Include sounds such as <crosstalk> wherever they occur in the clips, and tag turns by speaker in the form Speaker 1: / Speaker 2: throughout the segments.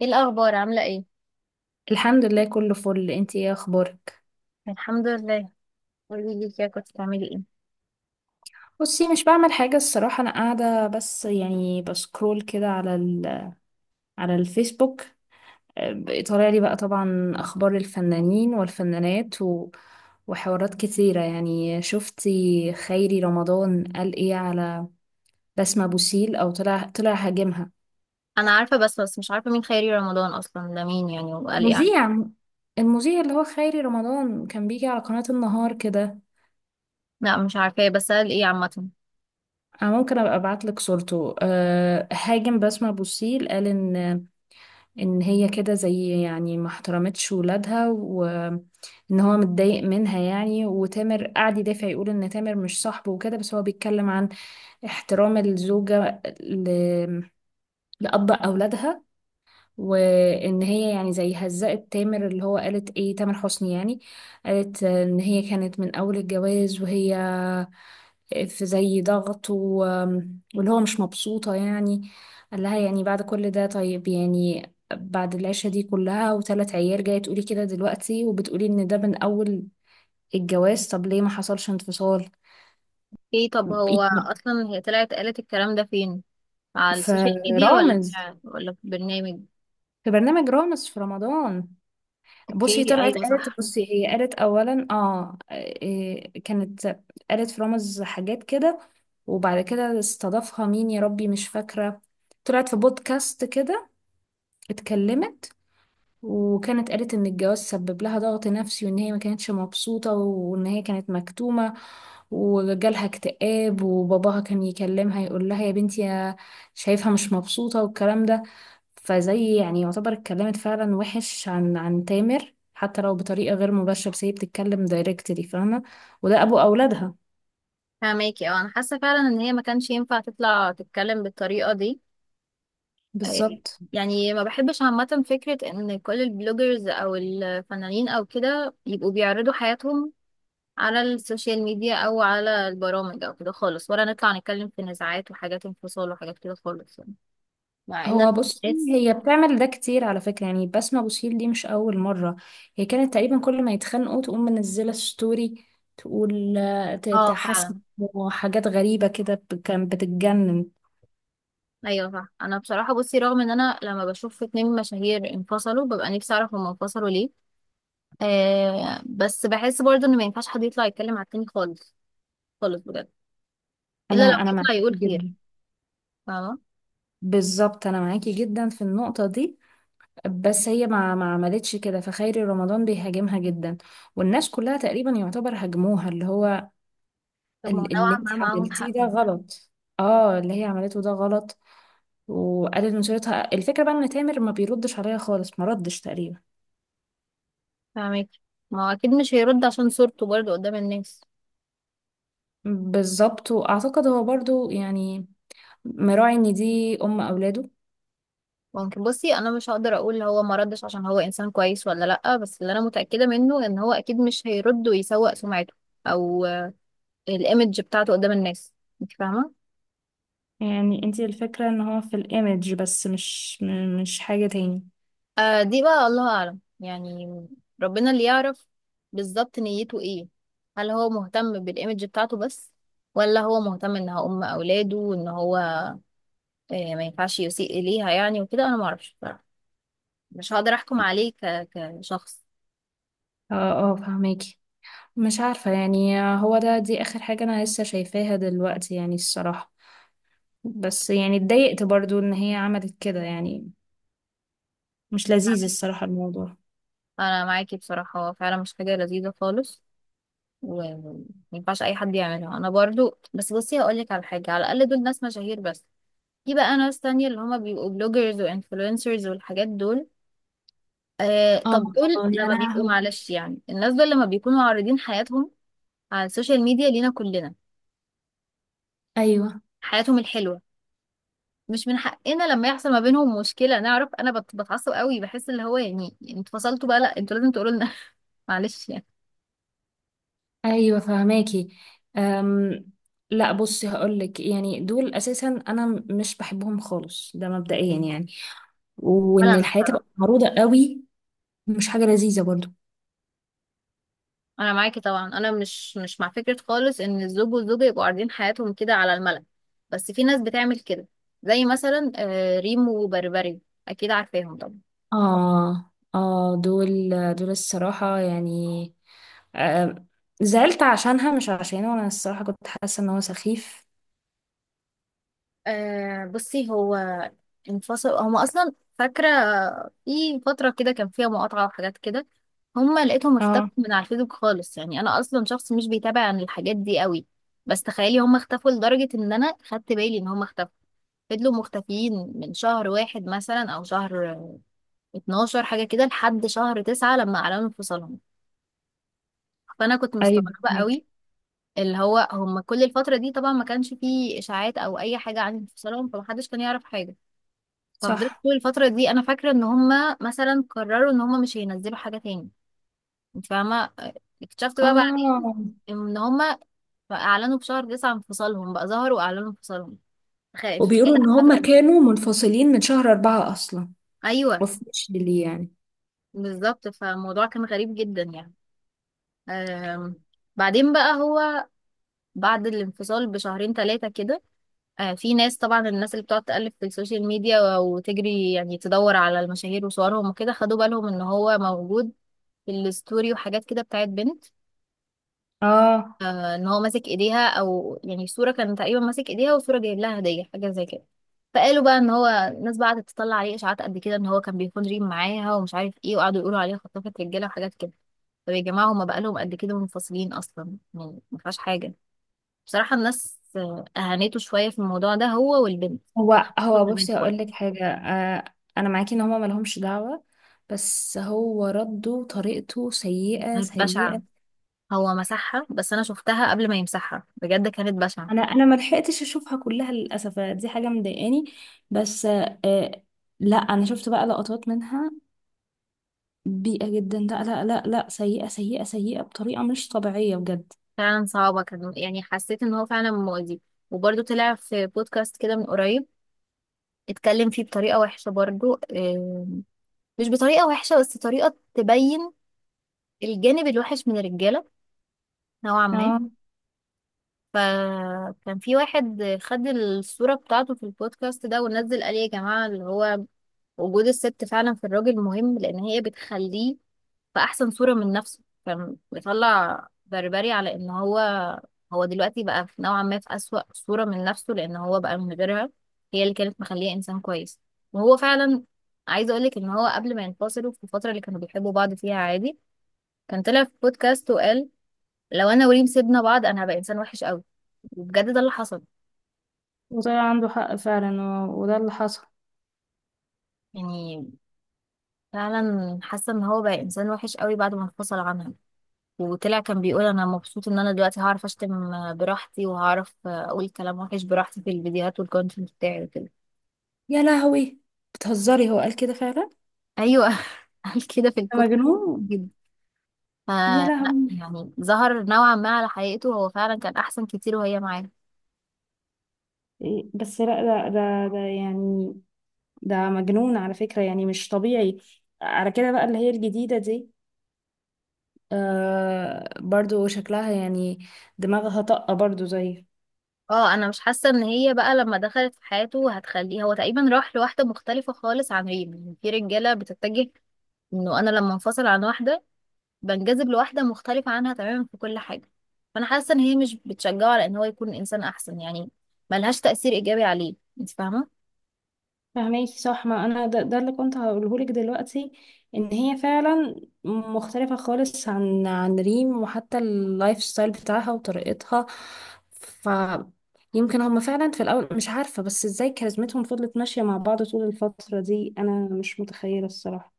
Speaker 1: ايه الاخبار؟ عامله ايه؟
Speaker 2: الحمد لله كله فل، انتي ايه اخبارك؟
Speaker 1: الحمد لله. قولي لي كده، كنت بتعملي ايه؟
Speaker 2: بصي، مش بعمل حاجة الصراحة، انا قاعدة بس يعني بسكرول كده على الفيسبوك. اه، طالع لي بقى طبعا اخبار الفنانين والفنانات وحوارات كتيرة. يعني شفتي خيري رمضان قال ايه على بسمة بوسيل؟ او طلع هاجمها.
Speaker 1: انا عارفه، بس مش عارفه مين خيري رمضان اصلا، ده مين يعني؟ وقال ايه يعني؟
Speaker 2: مذيع. المذيع اللي هو خيري رمضان كان بيجي على قناة النهار كده.
Speaker 1: لا مش عارفاه، بس قال ايه عامه؟
Speaker 2: انا ممكن ابقى ابعت لك صورته. هاجم بسمة بوسيل، قال ان هي كده زي يعني ما احترمتش ولادها، وان هو متضايق منها يعني. وتامر قعد يدافع، يقول ان تامر مش صاحبه وكده، بس هو بيتكلم عن احترام الزوجة لأب أولادها، وإن هي يعني زي هزقت تامر، اللي هو قالت إيه تامر حسني يعني. قالت إن هي كانت من أول الجواز، وهي في زي ضغط واللي هو مش مبسوطة يعني. قال لها يعني بعد كل ده طيب يعني، بعد العيشة دي كلها وثلاث عيال، جاية تقولي كده دلوقتي؟ وبتقولي ان ده من اول الجواز، طب ليه ما حصلش انفصال؟
Speaker 1: ايه؟ طب هو
Speaker 2: يعني
Speaker 1: اصلا هي طلعت قالت الكلام ده فين؟ على السوشيال ميديا ولا
Speaker 2: فرامز
Speaker 1: في ولا في برنامج؟
Speaker 2: في برنامج رامز في رمضان. بصي
Speaker 1: اوكي
Speaker 2: طلعت
Speaker 1: ايوه
Speaker 2: قالت،
Speaker 1: صح.
Speaker 2: بصي هي قالت اولا، إيه، كانت قالت في رامز حاجات كده. وبعد كده استضافها مين يا ربي، مش فاكرة. طلعت في بودكاست كده، اتكلمت، وكانت قالت ان الجواز سبب لها ضغط نفسي، وان هي ما كانتش مبسوطة، وان هي كانت مكتومة وجالها اكتئاب، وباباها كان يكلمها يقول لها يا بنتي، يا شايفها مش مبسوطة والكلام ده. فزي يعني يعتبر اتكلمت فعلا وحش عن تامر، حتى لو بطريقة غير مباشرة، بس هي بتتكلم دايركتلي، فاهمة؟ وده ابو اولادها.
Speaker 1: فهماكي؟ اه انا حاسه فعلا ان هي ما كانش ينفع تطلع تتكلم بالطريقه دي. إيه،
Speaker 2: بالظبط.
Speaker 1: يعني ما بحبش عامة فكرة ان كل البلوجرز او الفنانين او كده يبقوا بيعرضوا حياتهم على السوشيال ميديا او على البرامج او كده خالص، ولا نطلع نتكلم في نزاعات وحاجات انفصال وحاجات كده خالص يعني. مع ان
Speaker 2: هو بصي،
Speaker 1: الناس.
Speaker 2: هي بتعمل ده كتير على فكرة يعني. بسمة بوسيل دي مش أول مرة، هي كانت تقريبا كل ما يتخانقوا تقوم منزلة ستوري تقول
Speaker 1: اه
Speaker 2: تحاسبه
Speaker 1: فعلا.
Speaker 2: وحاجات غريبة كده، كان بتتجنن.
Speaker 1: ايوه صح، انا بصراحه بصي رغم ان انا لما بشوف اتنين مشاهير انفصلوا ببقى نفسي اعرف هما انفصلوا ليه. آه بس بحس برضه ان ما ينفعش حد يطلع يتكلم على التاني خالص، خالص بجد.
Speaker 2: أنا
Speaker 1: الا لو
Speaker 2: أنا معاكي
Speaker 1: يطلع يقول خير.
Speaker 2: جدا.
Speaker 1: فاهمه؟
Speaker 2: بالظبط، أنا معاكي جدا في النقطة دي، بس هي ما عملتش كده. فخيري رمضان بيهاجمها جدا، والناس كلها تقريبا يعتبر هاجموها، اللي هو
Speaker 1: طب ما هو
Speaker 2: اللي
Speaker 1: نوعا
Speaker 2: انت
Speaker 1: ما معاهم حق
Speaker 2: عملتيه ده
Speaker 1: يعني.
Speaker 2: غلط. اه، اللي هي عملته ده غلط. وقالت نشرتها. الفكرة بقى ان تامر ما بيردش عليا خالص، ما ردش تقريبا.
Speaker 1: فاهمك. ما هو اكيد مش هيرد عشان صورته برضه قدام الناس.
Speaker 2: بالظبط، واعتقد هو برضو يعني مراعي ان دي ام اولاده.
Speaker 1: ممكن بصي، انا مش هقدر اقول هو ما ردش عشان هو انسان كويس ولا لا، بس اللي انا متاكده منه ان هو اكيد مش هيرد ويسوق سمعته او الايمج بتاعته قدام الناس. انت فاهمه؟
Speaker 2: يعني انتي الفكرة ان هو في الايمج بس، مش مش حاجة تاني.
Speaker 1: آه دي بقى الله اعلم يعني، ربنا اللي يعرف بالظبط نيته ايه. هل هو مهتم بالايمج بتاعته بس، ولا هو مهتم ان هو ام اولاده وان هو آه ما ينفعش يسيء اليها يعني وكده. انا ما اعرفش بصراحه، مش هقدر احكم عليه كشخص.
Speaker 2: اه، اه، فهماكي. مش عارفة يعني، هو ده دي اخر حاجة انا لسه شايفاها دلوقتي يعني الصراحة، بس يعني اتضايقت برضو ان هي عملت كده يعني، مش لذيذ الصراحة الموضوع.
Speaker 1: انا معاكي بصراحه، هو فعلا مش حاجه لذيذه خالص، وما ينفعش اي حد يعملها. انا برضو بس بصي هقول لك على حاجه، على الاقل دول ناس مشاهير، بس في بقى ناس تانية اللي هما بيبقوا بلوجرز وانفلونسرز والحاجات دول. آه
Speaker 2: اه.
Speaker 1: طب دول
Speaker 2: آه، يا
Speaker 1: لما بيبقوا
Speaker 2: لهوي.
Speaker 1: معلش يعني، الناس دول لما بيكونوا عارضين حياتهم على السوشيال ميديا لينا كلنا،
Speaker 2: ايوه،
Speaker 1: حياتهم الحلوه، مش من حقنا لما يحصل ما بينهم مشكله نعرف. انا بتعصب قوي، بحس اللي هو يعني انتوا فصلتوا بقى، لا انتوا لازم تقولوا لنا <laughs> معلش يعني.
Speaker 2: ايوه، فهماكي. أم لا، بصي هقولك يعني دول اساسا انا مش بحبهم خالص، ده مبدئيا يعني،
Speaker 1: ولا
Speaker 2: وان
Speaker 1: انا
Speaker 2: الحياه تبقى
Speaker 1: بصراحه،
Speaker 2: معروضه قوي، مش حاجه لذيذه برضو.
Speaker 1: انا معاكي طبعا، انا مش مع فكره خالص ان الزوج والزوجه يبقوا عارضين حياتهم كده على الملأ، بس في ناس بتعمل كده. زي مثلا آه، ريمو وبربري، اكيد عارفاهم طبعا.
Speaker 2: اه، اه، دول الصراحه يعني. أم، زعلت عشانها مش عشانه، انا الصراحه كنت حاسه ان هو سخيف.
Speaker 1: آه بصي، هو انفصل هما اصلا، فاكره في فتره كده كان فيها مقاطعه وحاجات كده. هما لقيتهم اختفوا
Speaker 2: اه،
Speaker 1: من على الفيسبوك خالص، يعني انا اصلا شخص مش بيتابع عن الحاجات دي قوي، بس تخيلي هما اختفوا لدرجه ان انا خدت بالي ان هما اختفوا. فضلوا مختفيين من شهر واحد مثلا او شهر 12 حاجة كده لحد شهر تسعة لما أعلنوا انفصالهم. فأنا كنت
Speaker 2: ايوه
Speaker 1: مستغربة قوي،
Speaker 2: فهماكي،
Speaker 1: اللي هو هم كل الفترة دي طبعا ما كانش فيه إشاعات أو أي حاجة عن انفصالهم، فمحدش كان يعرف حاجة. ففضلت
Speaker 2: صح.
Speaker 1: طول الفترة دي أنا فاكرة إن هم مثلا قرروا إن هم مش هينزلوا حاجة تاني. أنت فاهمة؟ اكتشفت بقى بعد
Speaker 2: اه،
Speaker 1: إن هم أعلنوا في شهر تسعة انفصالهم، بقى ظهروا وأعلنوا انفصالهم. تخيل تخيل.
Speaker 2: وبيقولوا ان
Speaker 1: قعدوا
Speaker 2: هم
Speaker 1: قد إيه؟
Speaker 2: كانوا منفصلين من شهر أربعة اصلا،
Speaker 1: أيوه
Speaker 2: وفي ليه يعني؟
Speaker 1: بالظبط، فالموضوع كان غريب جدا يعني. أم. بعدين بقى هو بعد الانفصال بشهرين ثلاثة كده، آه، في ناس طبعا، الناس اللي بتقعد تألف في السوشيال ميديا وتجري يعني تدور على المشاهير وصورهم وكده خدوا بالهم ان هو موجود في الستوري وحاجات كده بتاعت بنت.
Speaker 2: اه،
Speaker 1: آه، ان هو ماسك ايديها او يعني صورة كان تقريبا ماسك ايديها وصورة جايب لها هدية حاجة زي كده. فقالوا بقى ان هو، الناس بقى قعدت تطلع عليه اشاعات قد كده ان هو كان بيكون ريم معاها ومش عارف ايه، وقعدوا يقولوا عليها خطافة رجالة وحاجات كده. طب يا جماعة هما بقالهم قد كده منفصلين اصلا، يعني ما فيهاش حاجة. بصراحة الناس آه، أهانته شوية في الموضوع ده، هو والبنت،
Speaker 2: هو
Speaker 1: هو
Speaker 2: هو
Speaker 1: والبنت
Speaker 2: بصي هقول
Speaker 1: برضه.
Speaker 2: لك حاجة، آه. أنا معاكي إن هما ملهمش دعوة، بس هو رده طريقته سيئة
Speaker 1: كانت بشعة،
Speaker 2: سيئة.
Speaker 1: هو مسحها بس أنا شفتها قبل ما يمسحها، بجد كانت بشعة.
Speaker 2: أنا ملحقتش أشوفها كلها للأسف، دي حاجة مضايقاني. بس لا، أنا شفت بقى لقطات منها. بيئة جدا، لا لا لا لا، سيئة سيئة سيئة، بطريقة مش طبيعية بجد.
Speaker 1: فعلا صعبة كان، يعني حسيت إن هو فعلا مؤذي. وبرضه طلع في بودكاست كده من قريب، اتكلم فيه بطريقة وحشة برضه آه، مش بطريقة وحشة بس طريقة تبين الجانب الوحش من الرجالة نوعا ما.
Speaker 2: اه،
Speaker 1: فكان في واحد خد الصورة بتاعته في البودكاست ده ونزل قال إيه يا جماعة، اللي هو وجود الست فعلا في الراجل مهم لان هي بتخليه في احسن صورة من نفسه. فبيطلع بربري على ان هو، هو دلوقتي بقى في نوعا ما في اسوأ صورة من نفسه لان هو بقى من غيرها، هي اللي كانت مخليه انسان كويس. وهو فعلا، عايزه اقولك ان هو قبل ما ينفصلوا في الفترة اللي كانوا بيحبوا بعض فيها عادي، كان طلع في بودكاست وقال لو انا وريم سيبنا بعض انا هبقى انسان وحش قوي. وبجد ده اللي حصل
Speaker 2: وطلع عنده حق فعلا، وده اللي حصل.
Speaker 1: يعني، فعلا حاسه ان هو بقى انسان وحش قوي بعد ما انفصل عنها. وطلع كان بيقول انا مبسوط ان انا دلوقتي هعرف اشتم براحتي وهعرف اقول كلام وحش براحتي في الفيديوهات والكونتنت بتاعي وكده.
Speaker 2: يا لهوي، بتهزري؟ هو قال كده فعلا؟
Speaker 1: ايوه <laughs> قال كده في
Speaker 2: ده
Speaker 1: البودكاست،
Speaker 2: مجنون.
Speaker 1: جدا.
Speaker 2: يا
Speaker 1: فلا،
Speaker 2: لهوي.
Speaker 1: يعني ظهر نوعا ما على حقيقته، هو فعلا كان احسن كتير وهي معاه.
Speaker 2: إيه، بس لا، ده يعني، ده مجنون على فكرة يعني، مش طبيعي. على كده بقى اللي هي الجديدة دي برضو شكلها يعني دماغها طاقة برضو زي.
Speaker 1: اه انا مش حاسه ان هي بقى لما دخلت في حياته هتخليه، هو تقريبا راح لواحده مختلفه خالص عن ريم، يعني في رجاله بتتجه انه انا لما انفصل عن واحده بنجذب لواحدة مختلفة عنها تماما في كل حاجة. فأنا حاسة إن هي مش بتشجعه على إن هو يكون إنسان أحسن يعني، ملهاش تأثير إيجابي عليه. أنت فاهمة؟
Speaker 2: فهماكي، صح. ما انا ده اللي كنت هقوله لك دلوقتي، ان هي فعلا مختلفة خالص عن ريم، وحتى اللايف ستايل بتاعها وطريقتها. ف يمكن هما فعلا في الاول، مش عارفة بس ازاي كاريزمتهم فضلت ماشية مع بعض طول الفترة دي، انا مش متخيلة الصراحة.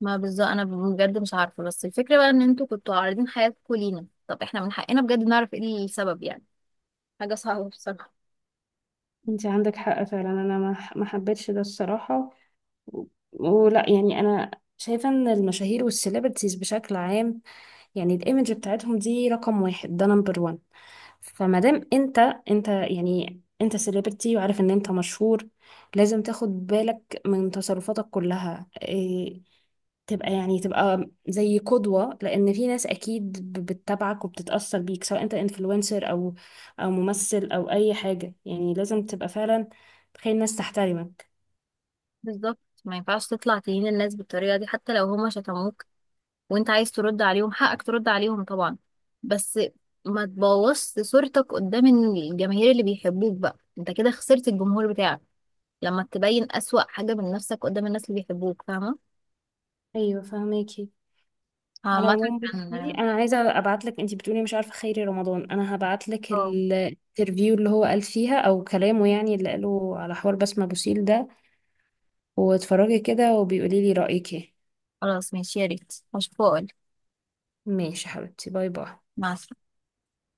Speaker 1: ما بالظبط، أنا بجد مش عارفة، بس الفكرة بقى إن أنتوا كنتوا عارضين حياتكوا لينا، طب إحنا من حقنا بجد نعرف إيه السبب يعني. حاجة صعبة بصراحة.
Speaker 2: انت عندك حق فعلا، انا ما حبيتش ده الصراحه، و- ولا يعني، انا شايفه ان المشاهير والسيلبرتيز بشكل عام، يعني الايمج بتاعتهم دي رقم واحد، ده نمبر وان. فما دام انت يعني انت سيلبرتي وعارف ان انت مشهور، لازم تاخد بالك من تصرفاتك كلها. إيه، تبقى زي قدوة، لأن في ناس أكيد بتتابعك وبتتأثر بيك، سواء أنت انفلونسر أو ممثل أو أي حاجة يعني. لازم تبقى فعلا تخلي الناس تحترمك.
Speaker 1: بالظبط، ما ينفعش تطلع تهين الناس بالطريقة دي حتى لو هما شتموك، وأنت عايز ترد عليهم حقك ترد عليهم طبعا، بس ما تبوظش صورتك قدام الجماهير اللي بيحبوك، بقى أنت كده خسرت الجمهور بتاعك لما تبين أسوأ حاجة من نفسك قدام الناس اللي بيحبوك. فاهمة؟
Speaker 2: أيوة فهماكي. على
Speaker 1: عامة
Speaker 2: العموم بصي،
Speaker 1: كان
Speaker 2: أنا عايزة أبعتلك. أنتي بتقولي مش عارفة خيري رمضان، أنا هبعتلك
Speaker 1: اه
Speaker 2: الانترفيو اللي هو قال فيها أو كلامه يعني اللي قاله على حوار بسمة بوسيل ده، واتفرجي كده وبيقولي لي رأيك ايه.
Speaker 1: خلاص ماشي، يا ريت هشوفه وأقولك.
Speaker 2: ماشي حبيبتي، باي باي.
Speaker 1: مع السلامة.